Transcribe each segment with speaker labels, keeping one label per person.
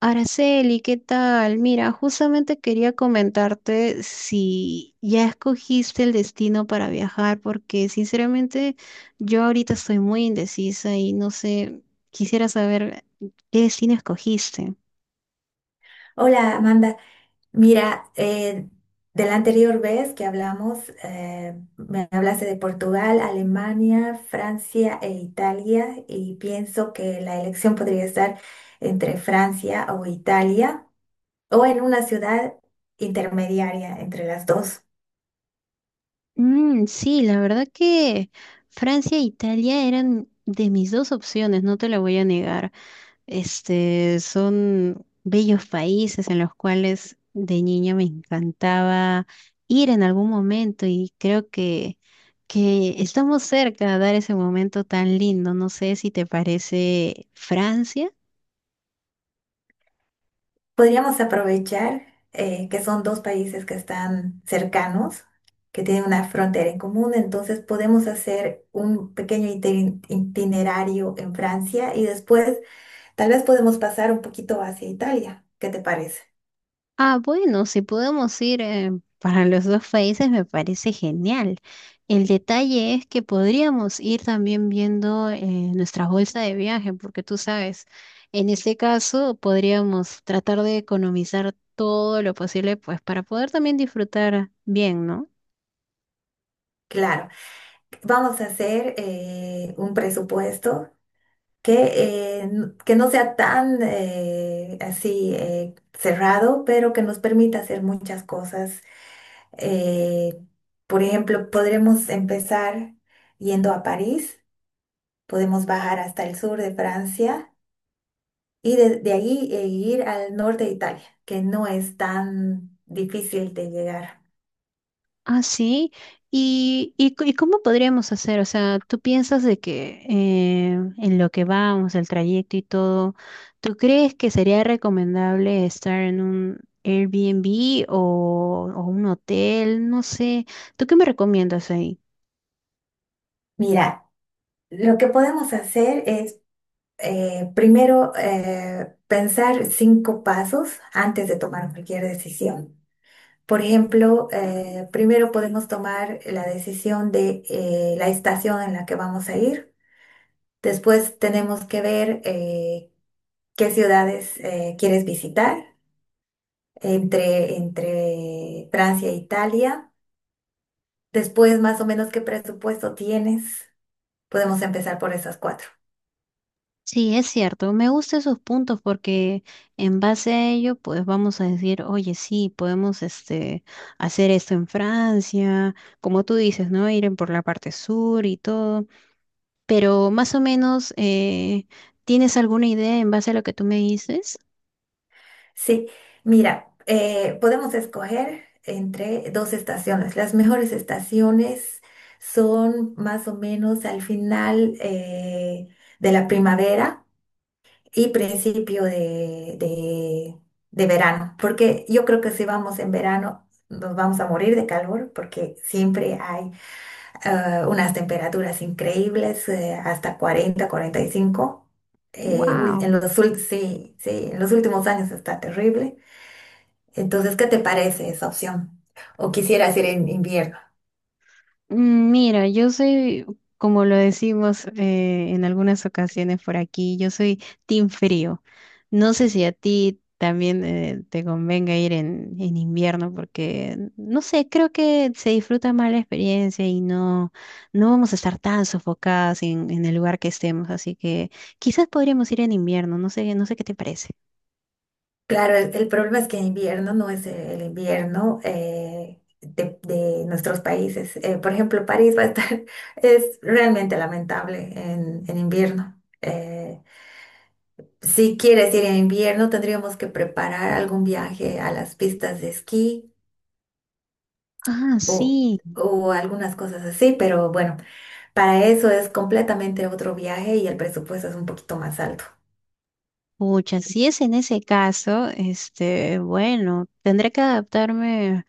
Speaker 1: Araceli, ¿qué tal? Mira, justamente quería comentarte si ya escogiste el destino para viajar, porque sinceramente yo ahorita estoy muy indecisa y no sé, quisiera saber qué destino escogiste.
Speaker 2: Hola Amanda, mira, de la anterior vez que hablamos, me hablaste de Portugal, Alemania, Francia e Italia y pienso que la elección podría estar entre Francia o Italia o en una ciudad intermediaria entre las dos.
Speaker 1: Mm, sí, la verdad que Francia e Italia eran de mis dos opciones, no te lo voy a negar. Este, son bellos países en los cuales de niña me encantaba ir en algún momento y creo que estamos cerca de dar ese momento tan lindo. No sé si te parece Francia.
Speaker 2: Podríamos aprovechar que son dos países que están cercanos, que tienen una frontera en común, entonces podemos hacer un pequeño itinerario en Francia y después tal vez podemos pasar un poquito hacia Italia. ¿Qué te parece?
Speaker 1: Ah, bueno, si podemos ir para los dos países me parece genial. El detalle es que podríamos ir también viendo nuestra bolsa de viaje, porque tú sabes, en este caso podríamos tratar de economizar todo lo posible, pues para poder también disfrutar bien, ¿no?
Speaker 2: Claro, vamos a hacer un presupuesto que, que no sea tan así cerrado, pero que nos permita hacer muchas cosas. Eh, por ejemplo, podremos empezar yendo a París, podemos bajar hasta el sur de Francia y desde de ahí ir al norte de Italia, que no es tan difícil de llegar.
Speaker 1: Ah, sí. ¿Y cómo podríamos hacer? O sea, ¿tú piensas de que en lo que vamos, el trayecto y todo, ¿tú crees que sería recomendable estar en un Airbnb o un hotel? No sé. ¿Tú qué me recomiendas ahí?
Speaker 2: Mira, lo que podemos hacer es primero pensar cinco pasos antes de tomar cualquier decisión. Por ejemplo, primero podemos tomar la decisión de la estación en la que vamos a ir. Después tenemos que ver qué ciudades quieres visitar entre Francia e Italia. Después, más o menos, qué presupuesto tienes. Podemos empezar por esas cuatro.
Speaker 1: Sí, es cierto. Me gustan esos puntos porque en base a ello, pues vamos a decir, oye, sí, podemos este, hacer esto en Francia, como tú dices, ¿no? Ir en por la parte sur y todo. Pero más o menos, ¿tienes alguna idea en base a lo que tú me dices?
Speaker 2: Sí, mira, podemos escoger entre dos estaciones. Las mejores estaciones son más o menos al final de la primavera y principio de verano, porque yo creo que si vamos en verano nos vamos a morir de calor porque siempre hay unas temperaturas increíbles, hasta 40, 45.
Speaker 1: Wow.
Speaker 2: Sí, sí, en los últimos años está terrible. Entonces, ¿qué te parece esa opción? ¿O quisieras ir en invierno?
Speaker 1: Mira, yo soy, como lo decimos en algunas ocasiones por aquí, yo soy team frío. No sé si a ti también te convenga ir en invierno porque, no sé, creo que se disfruta más la experiencia y no, no vamos a estar tan sofocadas en el lugar que estemos. Así que quizás podríamos ir en invierno, no sé, no sé qué te parece.
Speaker 2: Claro, el problema es que en invierno no es el invierno de nuestros países. Por ejemplo, París va a estar, es realmente lamentable en invierno. Si quieres ir en invierno, tendríamos que preparar algún viaje a las pistas de esquí
Speaker 1: Ah,
Speaker 2: o,
Speaker 1: sí.
Speaker 2: o algunas cosas así, pero bueno, para eso es completamente otro viaje y el presupuesto es un poquito más alto.
Speaker 1: Pucha, si es en ese caso, este, bueno, tendré que adaptarme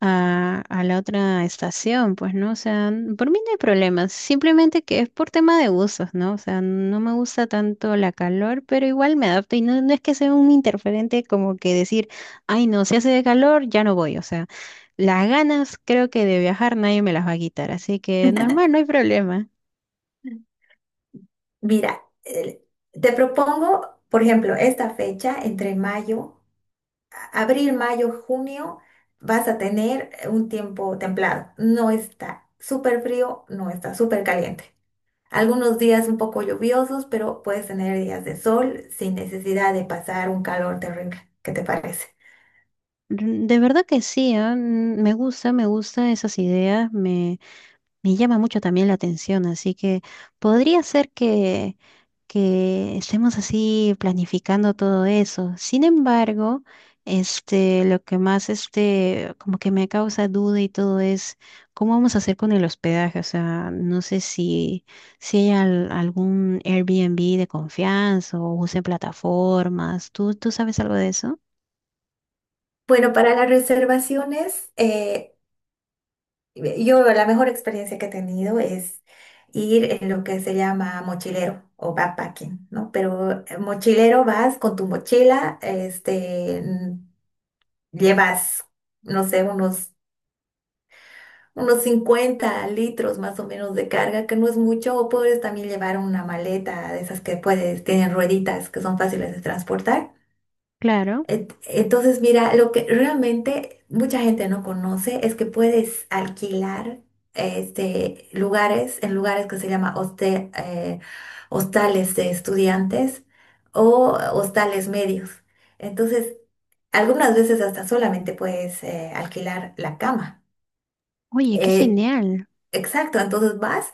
Speaker 1: a la otra estación, pues, ¿no? O sea, por mí no hay problema, simplemente que es por tema de gustos, ¿no? O sea, no me gusta tanto la calor, pero igual me adapto y no, no es que sea un interferente como que decir, ay, no, si hace de calor, ya no voy, o sea, las ganas creo que de viajar nadie me las va a quitar, así que normal, no hay problema.
Speaker 2: Mira, te propongo, por ejemplo, esta fecha entre mayo, abril, mayo, junio, vas a tener un tiempo templado. No está súper frío, no está súper caliente. Algunos días un poco lluviosos, pero puedes tener días de sol sin necesidad de pasar un calor terrible. ¿Qué te parece?
Speaker 1: De verdad que sí. Ah, me gusta, me gusta esas ideas. Me llama mucho también la atención, así que podría ser que estemos así planificando todo eso. Sin embargo, este, lo que más este, como que me causa duda y todo es cómo vamos a hacer con el hospedaje. O sea, no sé si, si hay algún Airbnb de confianza o usen plataformas. ¿Tú sabes algo de eso?
Speaker 2: Bueno, para las reservaciones, yo la mejor experiencia que he tenido es ir en lo que se llama mochilero o backpacking, ¿no? Pero mochilero vas con tu mochila, este, llevas, no sé, unos 50 litros más o menos de carga, que no es mucho, o puedes también llevar una maleta de esas que puedes, tienen rueditas que son fáciles de transportar.
Speaker 1: Claro.
Speaker 2: Entonces, mira, lo que realmente mucha gente no conoce es que puedes alquilar este, lugares en lugares que se llama hostales de estudiantes o hostales medios. Entonces, algunas veces hasta solamente puedes alquilar la cama.
Speaker 1: Oye, qué
Speaker 2: Eh,
Speaker 1: genial.
Speaker 2: exacto, entonces vas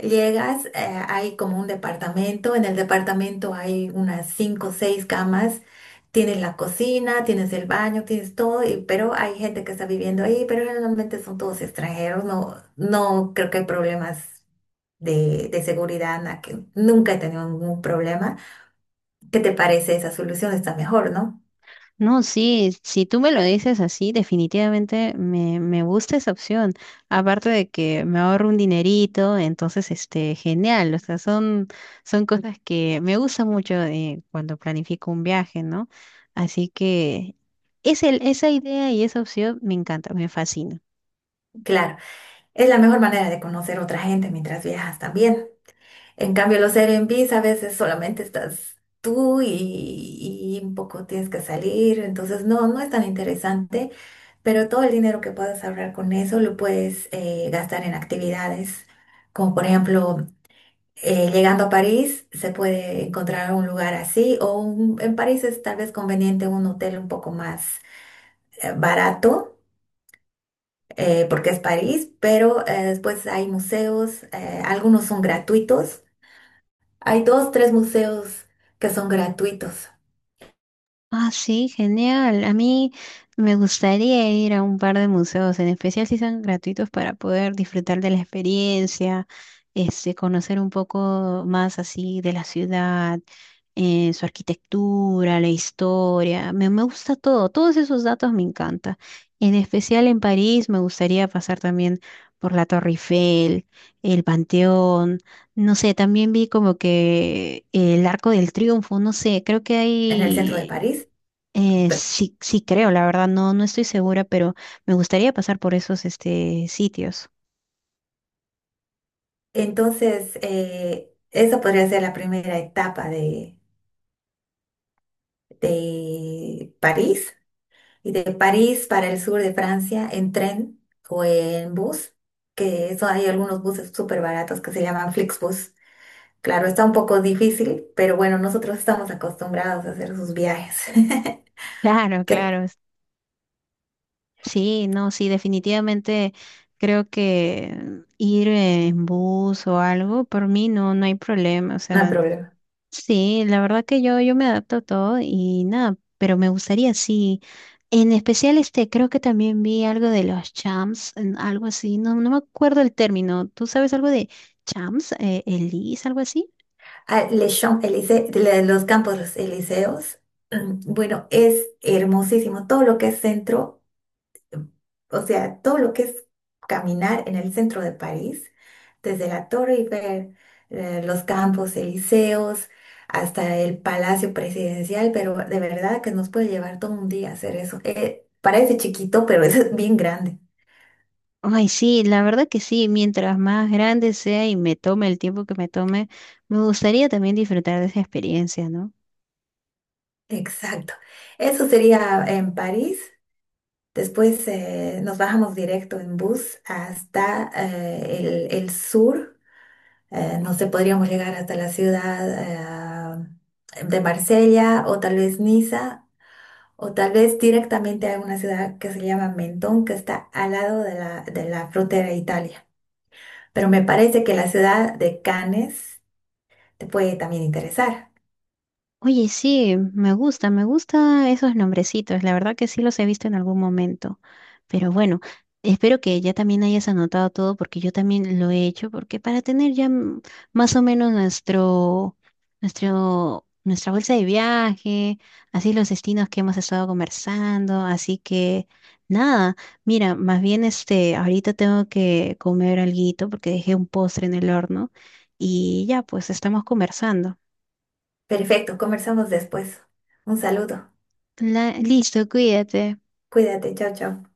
Speaker 2: Llegas, hay como un departamento, en el departamento hay unas cinco o seis camas, tienes la cocina, tienes el baño, tienes todo, pero hay gente que está viviendo ahí, pero generalmente son todos extranjeros, no creo que hay problemas de seguridad, que nunca he tenido ningún problema. ¿Qué te parece esa solución? Está mejor, ¿no?
Speaker 1: No, sí, si tú me lo dices así, definitivamente me gusta esa opción. Aparte de que me ahorro un dinerito, entonces, este, genial. O sea, son, son cosas que me gusta mucho cuando planifico un viaje, ¿no? Así que es el, esa idea y esa opción me encanta, me fascina.
Speaker 2: Claro, es la mejor manera de conocer otra gente mientras viajas también, ¿no? En cambio, los Airbnbs a veces solamente estás tú y un poco tienes que salir, entonces no es tan interesante, pero todo el dinero que puedas ahorrar con eso lo puedes gastar en actividades, como por ejemplo, llegando a París se puede encontrar un lugar así, en París es tal vez conveniente un hotel un poco más barato. Porque es París, pero después hay museos, algunos son gratuitos. Hay dos, tres museos que son gratuitos
Speaker 1: Ah, sí, genial. A mí me gustaría ir a un par de museos, en especial si son gratuitos para poder disfrutar de la experiencia, este, conocer un poco más así de la ciudad, su arquitectura, la historia. Me gusta todo, todos esos datos me encanta. En especial en París me gustaría pasar también por la Torre Eiffel, el Panteón. No sé, también vi como que el Arco del Triunfo, no sé, creo que
Speaker 2: en el centro de
Speaker 1: hay
Speaker 2: París. Pe-
Speaker 1: sí, sí creo, la verdad, no, no estoy segura, pero me gustaría pasar por esos este, sitios.
Speaker 2: Entonces, esa podría ser la primera etapa de París. Y de París para el sur de Francia en tren o en bus, que eso hay algunos buses súper baratos que se llaman Flixbus. Claro, está un poco difícil, pero bueno, nosotros estamos acostumbrados a hacer sus viajes.
Speaker 1: Claro,
Speaker 2: Que
Speaker 1: claro. Sí, no, sí, definitivamente creo que ir en bus o algo, por mí no, no hay problema. O
Speaker 2: no hay
Speaker 1: sea,
Speaker 2: problema.
Speaker 1: sí, la verdad que yo me adapto a todo y nada, pero me gustaría, sí. En especial, este, creo que también vi algo de los champs, algo así, no, no me acuerdo el término. ¿Tú sabes algo de champs, elis, algo así?
Speaker 2: Ah, Les Champs Élysées, los Campos Elíseos. Bueno, es hermosísimo. Todo lo que es centro, o sea, todo lo que es caminar en el centro de París, desde la Torre y ver los Campos Elíseos hasta el Palacio Presidencial, pero de verdad que nos puede llevar todo un día hacer eso. Parece chiquito, pero es bien grande.
Speaker 1: Ay, sí, la verdad que sí, mientras más grande sea y me tome el tiempo que me tome, me gustaría también disfrutar de esa experiencia, ¿no?
Speaker 2: Exacto. Eso sería en París. Después nos bajamos directo en bus hasta el sur. No sé, podríamos llegar hasta la ciudad de Marsella o tal vez Niza o tal vez directamente a una ciudad que se llama Mentón, que está al lado de la frontera de Italia. Pero me parece que la ciudad de Cannes te puede también interesar.
Speaker 1: Oye, sí, me gusta esos nombrecitos. La verdad que sí los he visto en algún momento. Pero bueno, espero que ya también hayas anotado todo porque yo también lo he hecho, porque para tener ya más o menos nuestro, nuestro, nuestra bolsa de viaje, así los destinos que hemos estado conversando, así que nada, mira, más bien este, ahorita tengo que comer alguito porque dejé un postre en el horno y ya, pues estamos conversando.
Speaker 2: Perfecto, conversamos después. Un saludo.
Speaker 1: La, listo, cuídate.
Speaker 2: Cuídate, chao, chao.